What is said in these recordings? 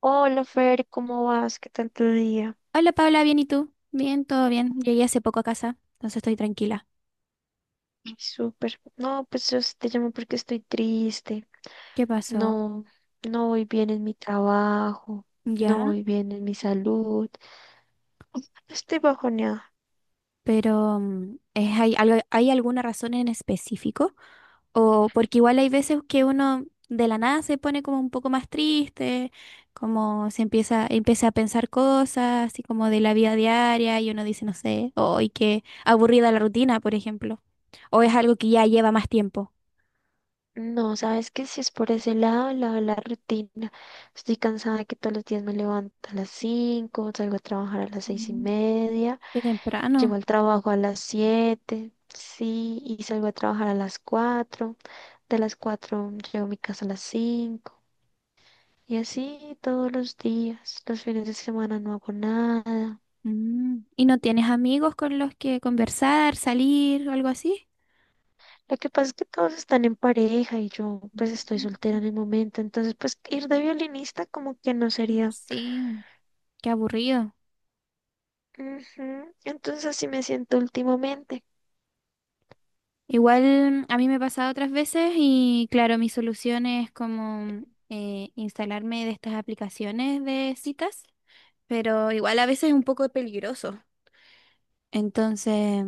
Hola Fer, ¿cómo vas? ¿Qué tal tu día? Hola Paula, ¿bien y tú? Bien, todo bien. Llegué hace poco a casa, entonces estoy tranquila. Ay, súper. No, pues yo sí te llamo porque estoy triste. ¿Qué pasó? No, no voy bien en mi trabajo, no Ya, voy bien en mi salud. Estoy bajoneada. pero ¿hay alguna razón en específico? O porque igual hay veces que uno de la nada se pone como un poco más triste, como se empieza a pensar cosas, así como de la vida diaria, y uno dice, no sé, hoy qué aburrida la rutina, por ejemplo. O es algo que ya lleva más tiempo. No, sabes que si es por ese lado, el lado de la rutina. Estoy cansada de que todos los días me levanto a las 5, salgo a trabajar a las seis y Mm, media, qué llego temprano. al trabajo a las 7, sí, y salgo a trabajar a las 4. De las 4 llego a mi casa a las 5. Y así todos los días, los fines de semana no hago nada. Mm. ¿Y no tienes amigos con los que conversar, salir o algo así? Lo que pasa es que todos están en pareja y yo pues estoy soltera Mm, en el momento, entonces pues ir de violinista como que no sería. sí, qué aburrido. Ujú. Entonces así me siento últimamente. Igual a mí me ha pasado otras veces y claro, mi solución es como instalarme de estas aplicaciones de citas, pero igual a veces es un poco peligroso. Entonces,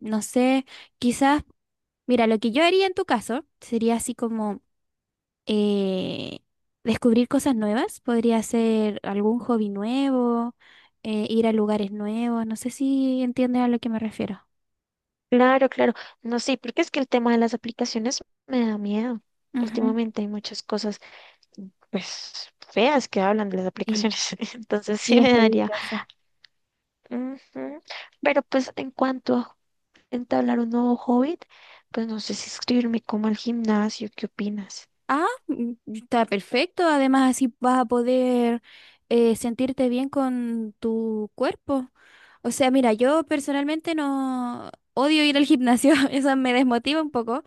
no sé, quizás, mira, lo que yo haría en tu caso sería así como eh, descubrir cosas nuevas, podría ser algún hobby nuevo, ir a lugares nuevos, no sé si entiendes a lo que me refiero. Claro, claro. No sé, porque es que el tema de las aplicaciones me da miedo. Ujú. Últimamente hay muchas cosas pues feas que hablan de las Sí, aplicaciones, entonces sí, sí es me daría. peligroso. Ujú. Pero pues en cuanto a entablar un nuevo hobby, pues no sé si inscribirme como al gimnasio, ¿qué opinas? Ah, está perfecto, además así vas a poder sentirte bien con tu cuerpo. O sea, mira, yo personalmente no odio ir al gimnasio, eso me desmotiva un poco.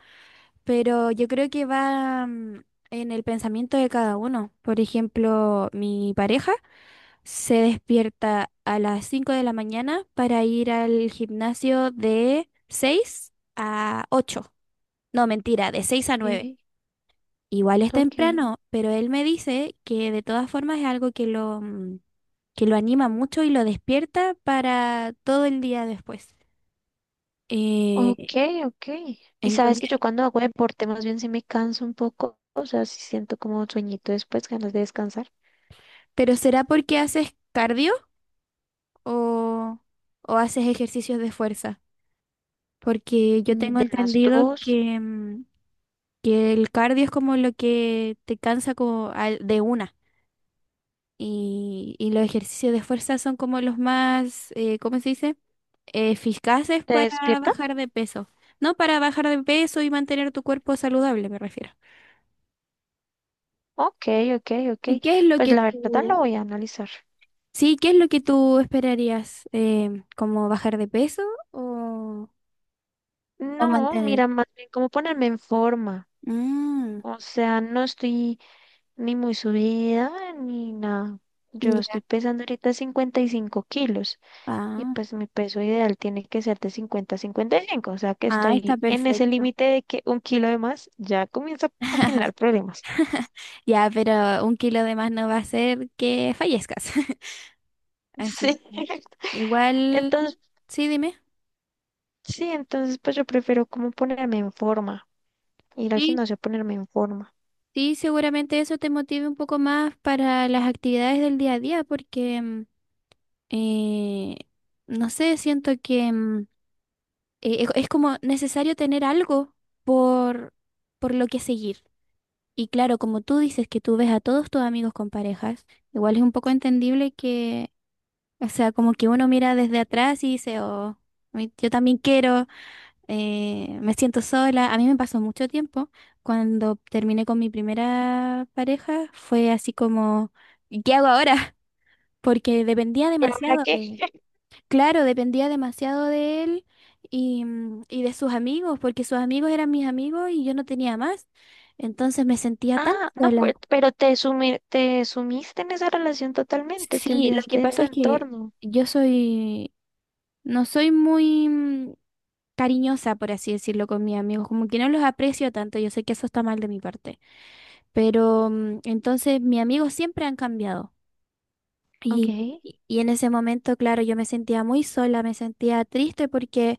Pero yo creo que va, en el pensamiento de cada uno. Por ejemplo, mi pareja se despierta a las 5 de la mañana para ir al gimnasio de 6 a ocho. No, mentira, de 6 a nueve. Okay, Igual es okay, temprano, pero él me dice que de todas formas es algo que lo anima mucho y lo despierta para todo el día después. Eh, okay, okay. Y sabes entonces, que yo cuando hago deporte más bien sí me canso un poco, o sea, sí siento como sueñito después, ganas de descansar. ¿pero será porque haces cardio? o, o, haces ejercicios de fuerza? Porque yo Mm, tengo de las entendido dos, que el cardio es como lo que te cansa como de una, y los ejercicios de fuerza son como los más, ¿cómo se dice? Eficaces ¿te para despierta? bajar de peso. No, para bajar de peso y mantener tu cuerpo saludable, me refiero. Okay, okay, ¿Y okay. qué es lo Pues que la verdad lo tú, voy a analizar. sí, ¿qué es lo que tú esperarías? ¿Como bajar de peso o, o No, mantener? mira, más bien cómo ponerme en forma. Mm, O sea, no estoy ni muy subida ni nada. Yo ya. estoy pesando ahorita 55 kilos. Y Ah, pues mi peso ideal tiene que ser de 50 a 55, o sea que ah, está estoy en ese perfecto. límite de que un kilo de más ya comienza a generar problemas. Ya, pero un kilo de más no va a hacer que fallezcas. Así Sí. que igual, Entonces, sí, dime. sí, entonces pues yo prefiero como ponerme en forma, ir al Sí, gimnasio a ponerme en forma. sí, seguramente eso te motive un poco más para las actividades del día a día, porque, eh, no sé, siento que, es como necesario tener algo por, por lo que seguir. Y claro, como tú dices que tú ves a todos tus amigos con parejas, igual es un poco entendible. O sea, como que uno mira desde atrás y dice, oh, yo también quiero, me siento sola. A mí me pasó mucho tiempo. Cuando terminé con mi primera pareja, fue así como, "¿Y qué hago ahora?" Porque dependía ¿Y ahora demasiado qué? de él. Claro, dependía demasiado de él y de sus amigos, porque sus amigos eran mis amigos y yo no tenía más. Entonces me sentía tan Ah, no, sola. pues, pero te sumiste en esa relación totalmente, te Sí, lo que olvidaste de pasa tu es que entorno. yo no soy muy... mm, cariñosa, por así decirlo, con mis amigos, como que no los aprecio tanto, yo sé que eso está mal de mi parte, pero, entonces mis amigos siempre han cambiado. Ok. Y, y en ese momento, claro, yo me sentía muy sola, me sentía triste porque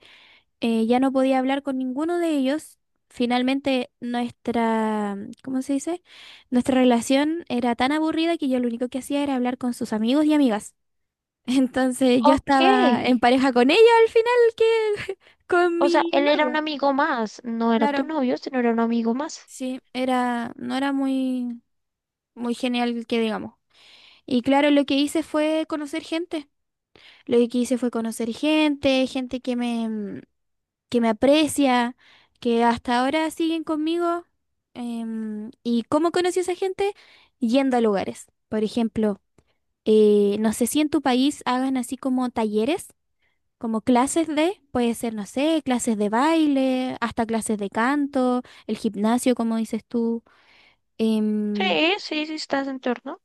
ya no podía hablar con ninguno de ellos. Finalmente ¿cómo se dice? Nuestra relación era tan aburrida que yo lo único que hacía era hablar con sus amigos y amigas. Entonces yo Ok. estaba en pareja con ella al final que con O sea, mi él era un novio. amigo más, no era Claro. tu novio, sino era un amigo más. Sí, no era muy, muy genial que digamos. Y claro, lo que hice fue conocer gente. Lo que hice fue conocer gente, gente que me aprecia, que hasta ahora siguen conmigo. ¿Y cómo conocí a esa gente? Yendo a lugares. Por ejemplo, no sé si en tu país hagan así como talleres, como clases de, puede ser, no sé, clases de baile, hasta clases de canto, el gimnasio, como dices tú. Em, Sí, sí, sí, estás en torno.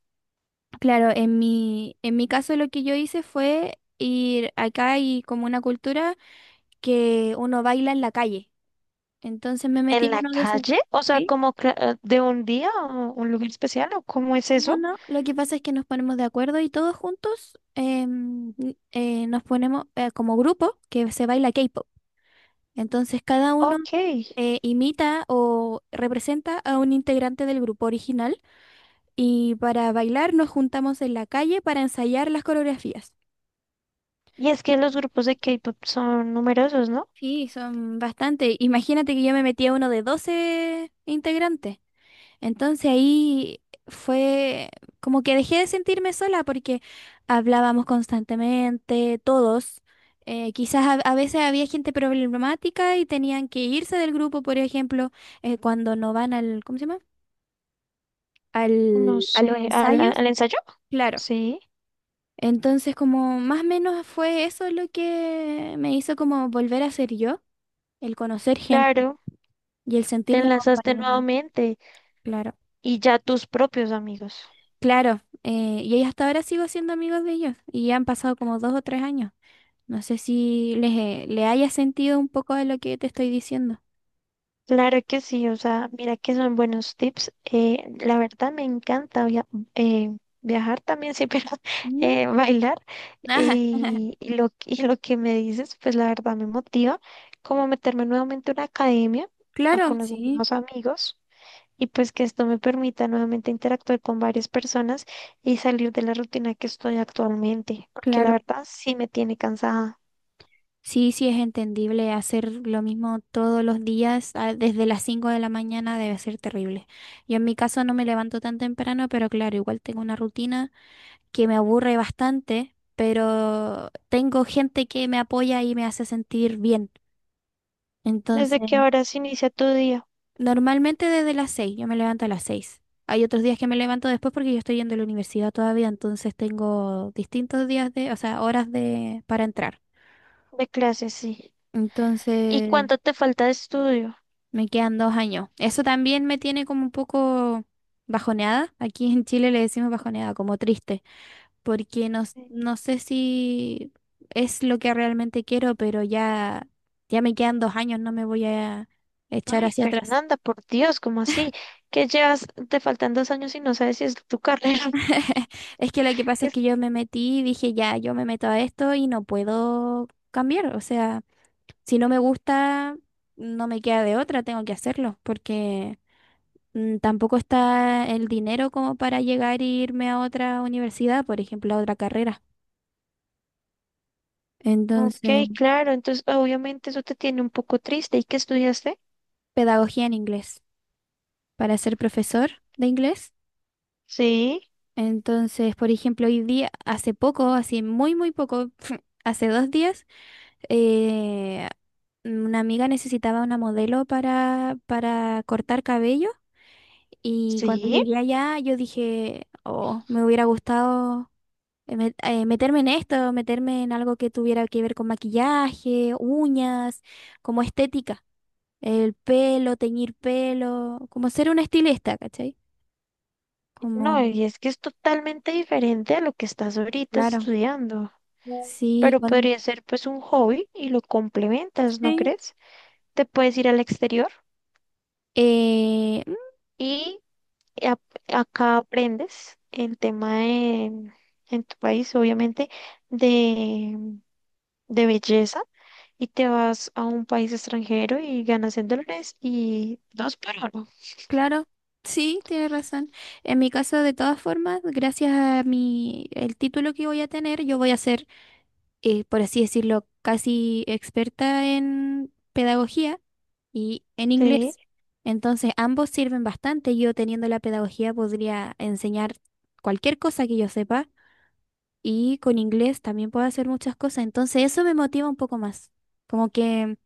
Claro, en mi caso lo que yo hice fue ir, acá hay como una cultura que uno baila en la calle. Entonces me metí ¿En en la uno de esos. calle? O sea, ¿Sí? como de un día o un lugar especial, o cómo es No, eso? no, lo que pasa es que nos ponemos de acuerdo y todos juntos, nos ponemos, como grupo que se baila K-pop. Entonces cada uno Ok. Imita o representa a un integrante del grupo original y para bailar nos juntamos en la calle para ensayar las coreografías. Y es que los grupos de K-pop son numerosos, ¿no? Sí, son bastante. Imagínate que yo me metí a uno de 12 integrantes. Entonces ahí fue como que dejé de sentirme sola porque hablábamos constantemente, todos. Quizás a veces había gente problemática y tenían que irse del grupo, por ejemplo, cuando no van al, ¿cómo se llama? No A los sé, ¿al, ensayos. al ensayo? Claro. Sí, Entonces, como más o menos, fue eso lo que me hizo como volver a ser yo, el conocer gente. claro. Y el Te sentirme enlazaste acompañada, nuevamente claro. y ya tus propios amigos. Claro, y ahí hasta ahora sigo siendo amigos de ellos y ya han pasado como dos o tres años. No sé si le haya sentido un poco de lo que te estoy diciendo. Claro que sí, o sea, mira que son buenos tips. La verdad me encanta viajar también, sí, pero Mm, bailar. ajá. Y lo, que me dices, pues la verdad me motiva como meterme nuevamente a una academia, a Claro. conocer Sí, nuevos amigos y pues que esto me permita nuevamente interactuar con varias personas y salir de la rutina que estoy actualmente, porque la claro. verdad sí me tiene cansada. Sí, sí es entendible hacer lo mismo todos los días, desde las 5 de la mañana debe ser terrible. Yo en mi caso no me levanto tan temprano, pero claro, igual tengo una rutina que me aburre bastante, pero tengo gente que me apoya y me hace sentir bien. Entonces, ¿Desde qué horas inicia tu día normalmente desde las 6, yo me levanto a las 6. Hay otros días que me levanto después porque yo estoy yendo a la universidad todavía, entonces tengo distintos días de, o sea, horas de para entrar. de clases? Sí. ¿Y Entonces, cuánto te falta de estudio? me quedan dos años. Eso también me tiene como un poco bajoneada. Aquí en Chile le decimos bajoneada, como triste. Porque Sí. no sé si es lo que realmente quiero, pero ya, me quedan dos años, no me voy a echar Ay, hacia atrás. Fernanda, por Dios, ¿cómo así? ¿Qué llevas, te faltan 2 años y no sabes si es tu carrera? Es que lo que pasa ¿Qué es es-? que yo me metí y dije, ya, yo me meto a esto y no puedo cambiar. O sea, si no me gusta, no me queda de otra, tengo que hacerlo, porque, tampoco está el dinero como para llegar e irme a otra universidad, por ejemplo, a otra carrera. Entonces, Ok, claro, entonces obviamente eso te tiene un poco triste. ¿Y qué estudiaste? pedagogía en inglés, para ser profesor de inglés. Sí, Entonces, por ejemplo, hoy día, hace poco, así muy, muy poco, hace dos días, eh, una amiga necesitaba una modelo para cortar cabello, y cuando sí, llegué allá yo dije, oh, me hubiera gustado meterme en esto, meterme en algo que tuviera que ver con maquillaje, uñas, como estética, el pelo, teñir pelo, como ser una estilista, ¿cachai? Como, no, y es que es totalmente diferente a lo que estás ahorita claro, estudiando. sí. Pero podría ser pues un hobby y lo complementas, ¿no Sí, crees? Te puedes ir al exterior eh, mm, y y ap- acá aprendes el tema de- en tu país, obviamente, de, belleza y te vas a un país extranjero y ganas en dólares y dos por uno. claro, sí, tienes razón. En mi caso, de todas formas, gracias a mi, el título que voy a tener, yo voy a ser, por así decirlo, casi experta en pedagogía y en Sí, inglés. Entonces, ambos sirven bastante. Yo teniendo la pedagogía podría enseñar cualquier cosa que yo sepa, y con inglés también puedo hacer muchas cosas. Entonces, eso me motiva un poco más. Como que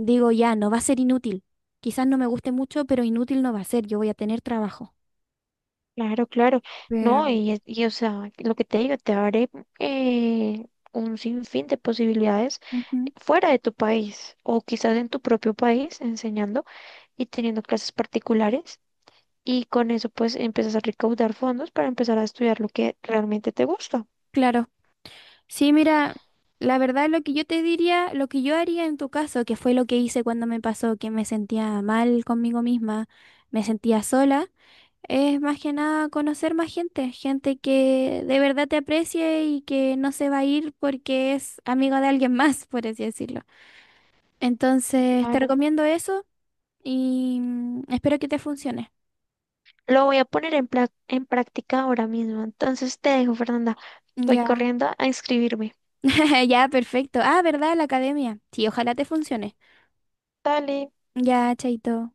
Digo, ya, no va a ser inútil. Quizás no me guste mucho, pero inútil no va a ser. Yo voy a tener trabajo. claro, claro. Pero, No, y, y, o sea, lo que te digo, te abre eh, un sinfín de posibilidades ujú. fuera de tu país o quizás en tu propio país enseñando y teniendo clases particulares. Y con eso pues empiezas a recaudar fondos para empezar a estudiar lo que realmente te gusta. Claro. Sí, mira, la verdad lo que yo te diría, lo que yo haría en tu caso, que fue lo que hice cuando me pasó, que me sentía mal conmigo misma, me sentía sola, es más que nada conocer más gente, gente que de verdad te aprecie y que no se va a ir porque es amigo de alguien más, por así decirlo. Entonces, te Claro. recomiendo eso y, espero que te funcione. Lo voy a poner en práctica ahora mismo. Entonces te dejo, Fernanda. Voy Ya, corriendo a inscribirme. ya, perfecto. Ah, ¿verdad? La academia. Sí, ojalá te funcione. Dale. Ya, chaito.